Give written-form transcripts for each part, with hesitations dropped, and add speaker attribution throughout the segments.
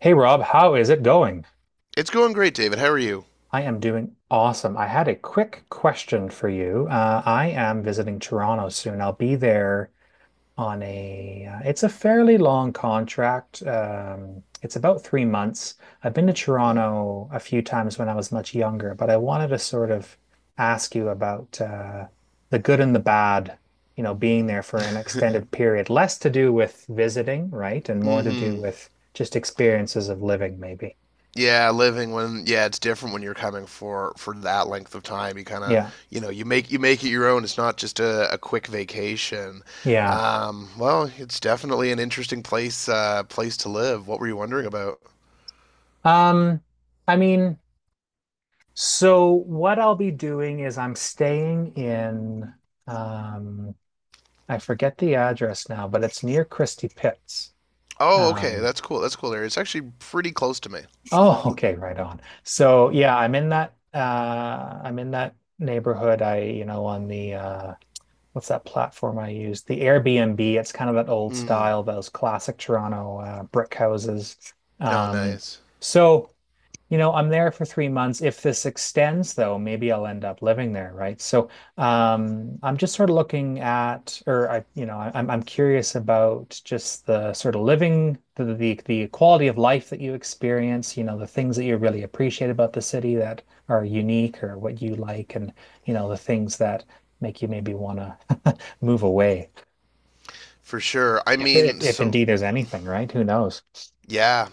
Speaker 1: Hey Rob, how is it going?
Speaker 2: It's going great, David. How are you?
Speaker 1: I am doing awesome. I had a quick question for you. I am visiting Toronto soon. I'll be there on a, it's a fairly long contract. It's about 3 months. I've been to Toronto a few times when I was much younger, but I wanted to sort of ask you about the good and the bad, you know, being there for an extended period. Less to do with visiting, right? And more to do
Speaker 2: Mm-hmm.
Speaker 1: with just experiences of living, maybe.
Speaker 2: Yeah, living when yeah, it's different when you're coming for that length of time. You kind of
Speaker 1: Yeah.
Speaker 2: you know you make it your own. It's not just a quick vacation.
Speaker 1: Yeah.
Speaker 2: Well, it's definitely an interesting place to live. What were you wondering about?
Speaker 1: Um, I mean, so what I'll be doing is I'm staying in um I forget the address now, but it's near Christie Pitts.
Speaker 2: Oh, okay,
Speaker 1: Um
Speaker 2: that's cool. That's cool area. It's actually pretty close to me.
Speaker 1: oh, okay, right on. So yeah, I'm in that neighborhood. I, you know, on the what's that platform I use? The Airbnb. It's kind of that old
Speaker 2: Mm.
Speaker 1: style, those classic Toronto brick houses.
Speaker 2: No,
Speaker 1: Um
Speaker 2: nice
Speaker 1: so You know, I'm there for 3 months. If this extends, though, maybe I'll end up living there, right? So, I'm just sort of looking at, or I, you know, I, I'm curious about just the sort of living, the quality of life that you experience. You know, the things that you really appreciate about the city that are unique, or what you like, and you know, the things that make you maybe want to move away.
Speaker 2: for sure. I
Speaker 1: If, if
Speaker 2: mean,
Speaker 1: if
Speaker 2: so
Speaker 1: indeed there's anything, right? Who knows?
Speaker 2: yeah.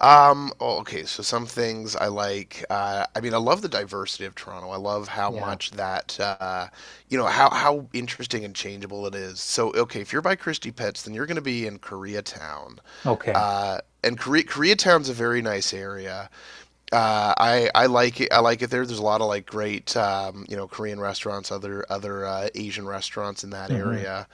Speaker 2: Oh, okay, so some things I like. I mean, I love the diversity of Toronto. I love how
Speaker 1: Yeah.
Speaker 2: much that, you know, how interesting and changeable it is. So, okay, if you're by Christie Pets, then you're going to be in Koreatown,
Speaker 1: Okay.
Speaker 2: and Koreatown's a very nice area. I like it. I like it there. There's a lot of like great, you know, Korean restaurants, other Asian restaurants in that
Speaker 1: hmm
Speaker 2: area.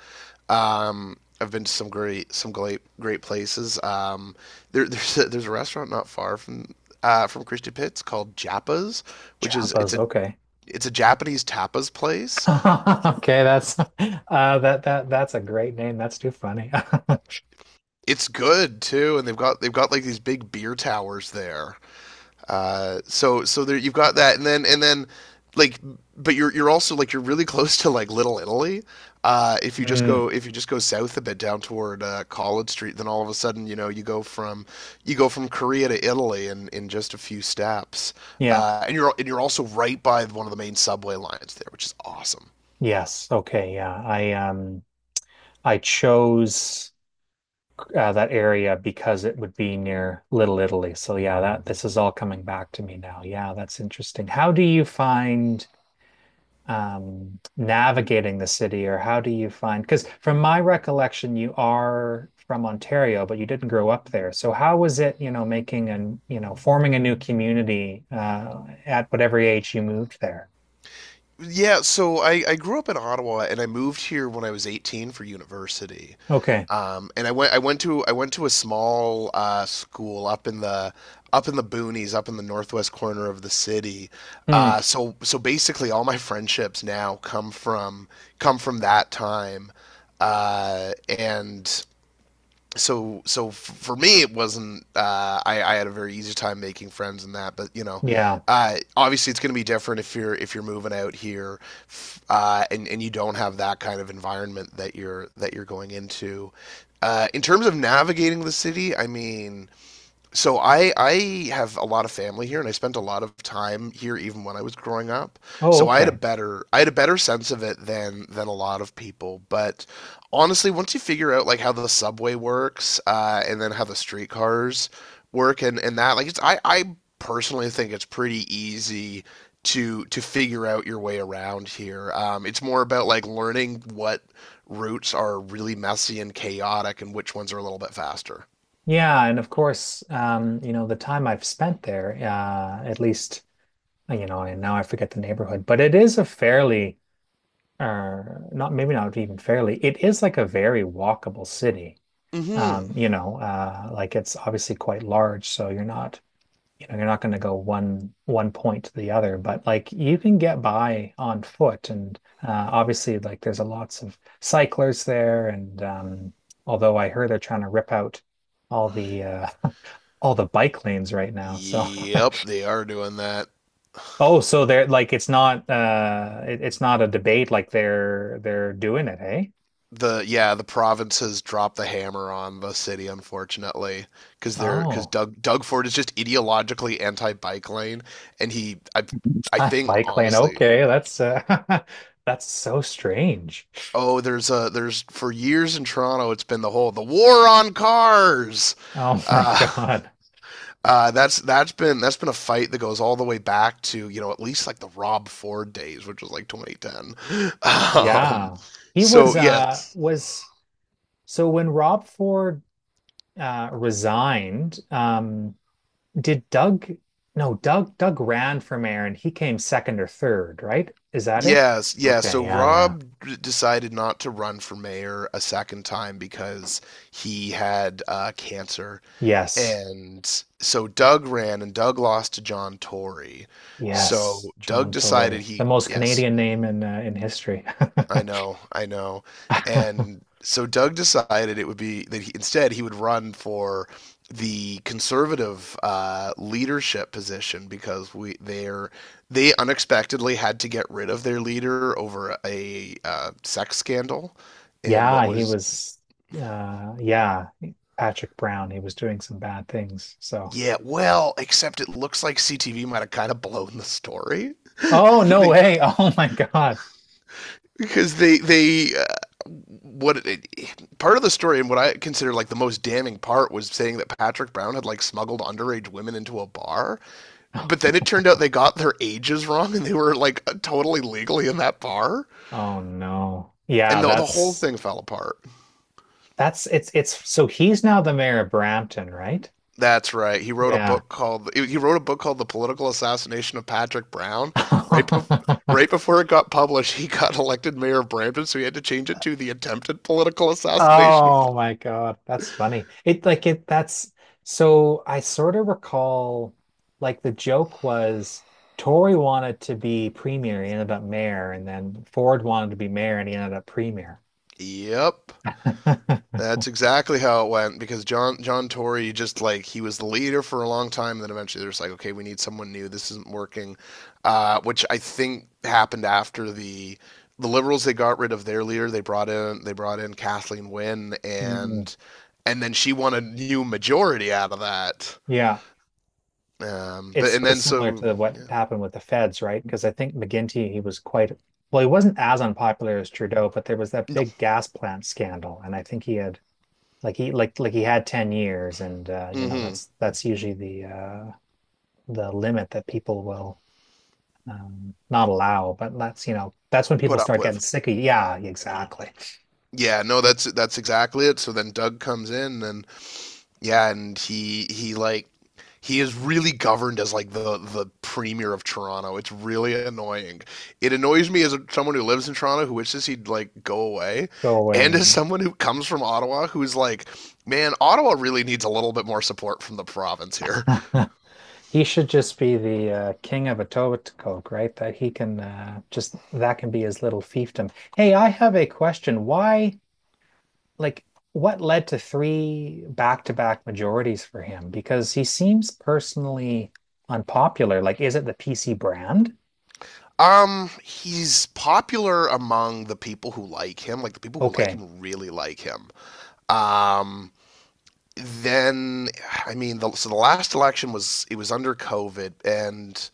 Speaker 2: I've been to some great places. There, there's a, restaurant not far from Christie Pitts called Japa's, which is
Speaker 1: Chapas. Okay.
Speaker 2: it's a Japanese tapas place.
Speaker 1: Okay, that's a great name. That's too funny.
Speaker 2: It's good too, and they've got like these big beer towers there. So there you've got that, and then like, but you're also like you're really close to like Little Italy. If you just
Speaker 1: Mm,
Speaker 2: go south a bit down toward College Street, then all of a sudden you know you go from Korea to Italy in just a few steps,
Speaker 1: yeah.
Speaker 2: and you're also right by one of the main subway lines there, which is awesome.
Speaker 1: Yes. Okay, yeah. I chose that area because it would be near Little Italy. So yeah, that this is all coming back to me now. Yeah, that's interesting. How do you find navigating the city, or how do you find? Because from my recollection, you are from Ontario, but you didn't grow up there. So how was it, you know, making and, you know, forming a new community at whatever age you moved there?
Speaker 2: Yeah, so I grew up in Ottawa and I moved here when I was 18 for university.
Speaker 1: Okay.
Speaker 2: And I went to a small school up in the boonies, up in the northwest corner of the city. Uh,
Speaker 1: Hmm.
Speaker 2: so so basically all my friendships now come from that time. And so so for me it wasn't I had a very easy time making friends in that but you know,
Speaker 1: Yeah.
Speaker 2: obviously it's going to be different if you're moving out here, and you don't have that kind of environment that you're going into. In terms of navigating the city, I mean, so I have a lot of family here and I spent a lot of time here even when I was growing up.
Speaker 1: Oh,
Speaker 2: So I had
Speaker 1: okay.
Speaker 2: a better sense of it than a lot of people. But honestly, once you figure out like how the subway works, and then how the streetcars work and that, like I personally think it's pretty easy to figure out your way around here. It's more about like learning what routes are really messy and chaotic and which ones are a little bit faster.
Speaker 1: Yeah, and of course, you know, the time I've spent there, at least, you know, and now I forget the neighborhood, but it is a fairly, uh, not maybe not even fairly, it is like a very walkable city.
Speaker 2: Mm hmm
Speaker 1: You know, like it's obviously quite large, so you're not, you know, you're not going to go one point to the other, but like you can get by on foot, and obviously, like there's a lots of cyclists there, and although I heard they're trying to rip out all the all the bike lanes right now, so.
Speaker 2: Yep, they are doing that.
Speaker 1: Oh, so they're like it's not a debate like they're doing it, hey?
Speaker 2: the Yeah, the provinces dropped the hammer on the city, unfortunately, because they're because
Speaker 1: Oh.
Speaker 2: Doug Ford is just ideologically anti bike lane, and he I think
Speaker 1: Bike lane.
Speaker 2: honestly,
Speaker 1: Okay, that's that's so strange.
Speaker 2: oh there's a there's for years in Toronto it's been the whole the war on cars.
Speaker 1: Oh my
Speaker 2: uh
Speaker 1: God.
Speaker 2: that's been a fight that goes all the way back to you know at least like the Rob Ford days, which was like 2010. um
Speaker 1: Yeah. He
Speaker 2: so yeah
Speaker 1: was so when Rob Ford resigned, did Doug no, Doug Doug ran for mayor and he came second or third, right? Is that it?
Speaker 2: Yes, yeah. So
Speaker 1: Okay, yeah, yeah.
Speaker 2: Rob decided not to run for mayor a second time because he had cancer.
Speaker 1: Yes.
Speaker 2: And so Doug ran and Doug lost to John Tory.
Speaker 1: Yes,
Speaker 2: So Doug
Speaker 1: John
Speaker 2: decided
Speaker 1: Tory. The
Speaker 2: he,
Speaker 1: most
Speaker 2: yes.
Speaker 1: Canadian name in history.
Speaker 2: I know, I know. And so Doug decided it would be that he, instead he would run for the conservative leadership position because we they're they unexpectedly had to get rid of their leader over a sex scandal in what
Speaker 1: Yeah, he
Speaker 2: was.
Speaker 1: was uh yeah, Patrick Brown, he was doing some bad things. So,
Speaker 2: Yeah, well except it looks like CTV might have kind of blown the story.
Speaker 1: oh no
Speaker 2: they
Speaker 1: way. Oh my God.
Speaker 2: Because what it, part of the story and what I consider like the most damning part was saying that Patrick Brown had like smuggled underage women into a bar, but then it turned out they got their ages wrong and they were like totally legally in that bar,
Speaker 1: Oh no. Yeah,
Speaker 2: and the whole thing fell apart.
Speaker 1: that's it's so he's now the mayor of Brampton, right?
Speaker 2: That's right. He wrote
Speaker 1: Yeah.
Speaker 2: a book called The Political Assassination of Patrick Brown. Right before right before it got published, he got elected mayor of Brampton, so he had to change it to The Attempted Political Assassination of
Speaker 1: Oh
Speaker 2: Pat-"
Speaker 1: my God. That's funny. It like it that's so I sort of recall like the joke was Tory wanted to be premier, he ended up mayor, and then Ford wanted to be mayor and he ended up premier.
Speaker 2: Yep. That's exactly how it went because John Tory just like he was the leader for a long time, and then eventually they're just like, okay, we need someone new. This isn't working, which I think happened after the Liberals. They got rid of their leader. They brought in Kathleen Wynne,
Speaker 1: Mm,
Speaker 2: and then she won a new majority out of that.
Speaker 1: yeah, it's
Speaker 2: But and
Speaker 1: sort of
Speaker 2: then
Speaker 1: similar
Speaker 2: so
Speaker 1: to what
Speaker 2: Yeah,
Speaker 1: happened with the Feds, right? Because I think McGinty, he was quite, well, he wasn't as unpopular as Trudeau, but there was that
Speaker 2: no,
Speaker 1: big gas plant scandal, and I think he had like he had 10 years, and you know
Speaker 2: mm-hmm,
Speaker 1: that's usually the limit that people will not allow, but that's you know that's when people
Speaker 2: put up
Speaker 1: start getting
Speaker 2: with.
Speaker 1: sick of, you. Yeah, exactly.
Speaker 2: Yeah, no, that's exactly it. So then Doug comes in and yeah, and he like he is really governed as like the premier of Toronto. It's really annoying. It annoys me as a, someone who lives in Toronto who wishes he'd like go away,
Speaker 1: Go
Speaker 2: and
Speaker 1: away.
Speaker 2: as someone who comes from Ottawa who's like, man, Ottawa really needs a little bit more support from the province here.
Speaker 1: He should just be the king of Etobicoke, right? That he can just that can be his little fiefdom. Hey, I have a question. Why, like, what led to three back-to-back majorities for him? Because he seems personally unpopular. Like, is it the PC brand?
Speaker 2: He's popular among the people who like him. Like the people who like
Speaker 1: Okay.
Speaker 2: him really like him. Um, then I mean, so the last election was it was under COVID, and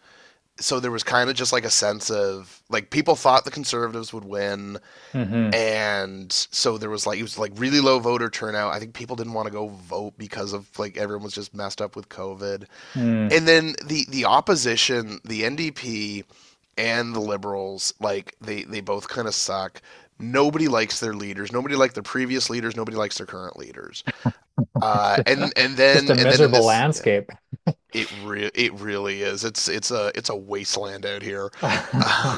Speaker 2: so there was kind of just like a sense of like people thought the conservatives would win,
Speaker 1: Mm-hmm.
Speaker 2: and so there was like it was like really low voter turnout. I think people didn't want to go vote because of like everyone was just messed up with COVID.
Speaker 1: Mm.
Speaker 2: And then the opposition, the NDP and the Liberals, like they both kind of suck. Nobody likes their leaders, nobody liked their previous leaders, nobody likes their current leaders.
Speaker 1: Just a
Speaker 2: And then in
Speaker 1: miserable
Speaker 2: this Yeah,
Speaker 1: landscape.
Speaker 2: it it really is. It's a wasteland out here. uh,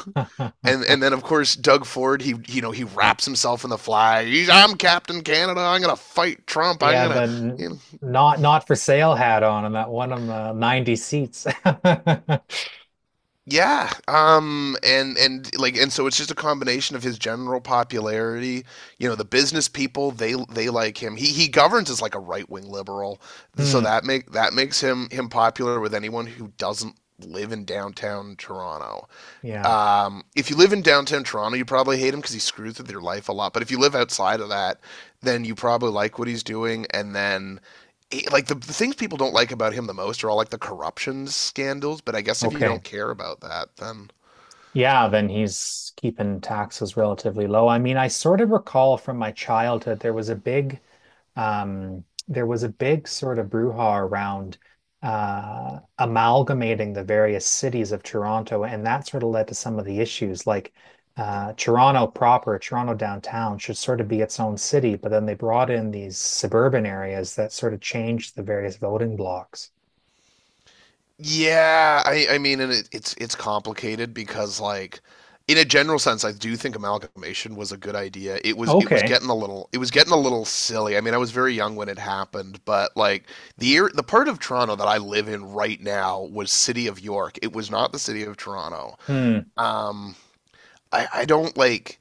Speaker 2: and then of course Doug Ford, he you know he wraps himself in the flag. He's, I'm Captain Canada. I'm gonna fight Trump. I'm
Speaker 1: Yeah,
Speaker 2: gonna
Speaker 1: the
Speaker 2: you know.
Speaker 1: not not for sale hat on, and that one of 90 seats.
Speaker 2: Yeah and like and So it's just a combination of his general popularity. You know the business people, they like him. He governs as like a right wing liberal, so
Speaker 1: Hmm.
Speaker 2: that makes him popular with anyone who doesn't live in downtown Toronto.
Speaker 1: Yeah.
Speaker 2: If you live in downtown Toronto, you probably hate him because he screws with your life a lot. But if you live outside of that, then you probably like what he's doing. And then, eh, like the things people don't like about him the most are all like the corruption scandals. But I guess if you
Speaker 1: Okay.
Speaker 2: don't care about that, then
Speaker 1: Yeah, then he's keeping taxes relatively low. I mean, I sort of recall from my childhood there was a big there was a big sort of brouhaha around amalgamating the various cities of Toronto, and that sort of led to some of the issues like Toronto proper, Toronto downtown should sort of be its own city, but then they brought in these suburban areas that sort of changed the various voting blocks.
Speaker 2: yeah, I mean, and it's complicated because like in a general sense, I do think amalgamation was a good idea. It was
Speaker 1: Okay.
Speaker 2: getting a little it was getting a little silly. I mean, I was very young when it happened, but like the part of Toronto that I live in right now was City of York. It was not the City of Toronto.
Speaker 1: Hmm.
Speaker 2: Um, I don't like.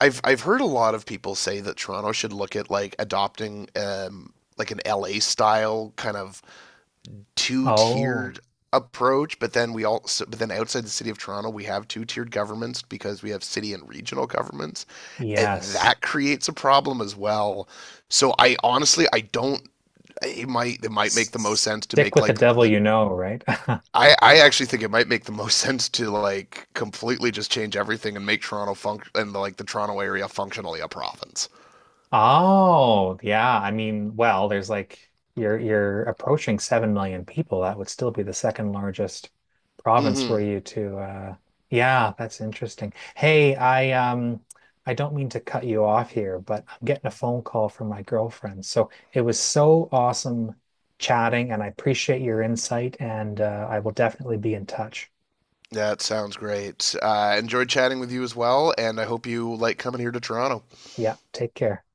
Speaker 2: I've heard a lot of people say that Toronto should look at like adopting like an LA style kind of two
Speaker 1: Oh,
Speaker 2: tiered approach, but then outside the city of Toronto we have two tiered governments because we have city and regional governments, and
Speaker 1: yes.
Speaker 2: that creates a problem as well. So I honestly I don't, it might make the
Speaker 1: S-
Speaker 2: most sense to
Speaker 1: Stick
Speaker 2: make
Speaker 1: with the
Speaker 2: like
Speaker 1: devil
Speaker 2: the
Speaker 1: you know, right?
Speaker 2: I actually think it might make the most sense to like completely just change everything and make Toronto func and like the Toronto area functionally a province.
Speaker 1: Oh, yeah. I mean, well, there's like you're approaching 7 million people. That would still be the second largest province for
Speaker 2: Mm-hmm.
Speaker 1: you to yeah, that's interesting. Hey, I don't mean to cut you off here, but I'm getting a phone call from my girlfriend. So it was so awesome chatting, and I appreciate your insight, and I will definitely be in touch.
Speaker 2: That sounds great. I enjoyed chatting with you as well, and I hope you like coming here to Toronto.
Speaker 1: Yeah, take care.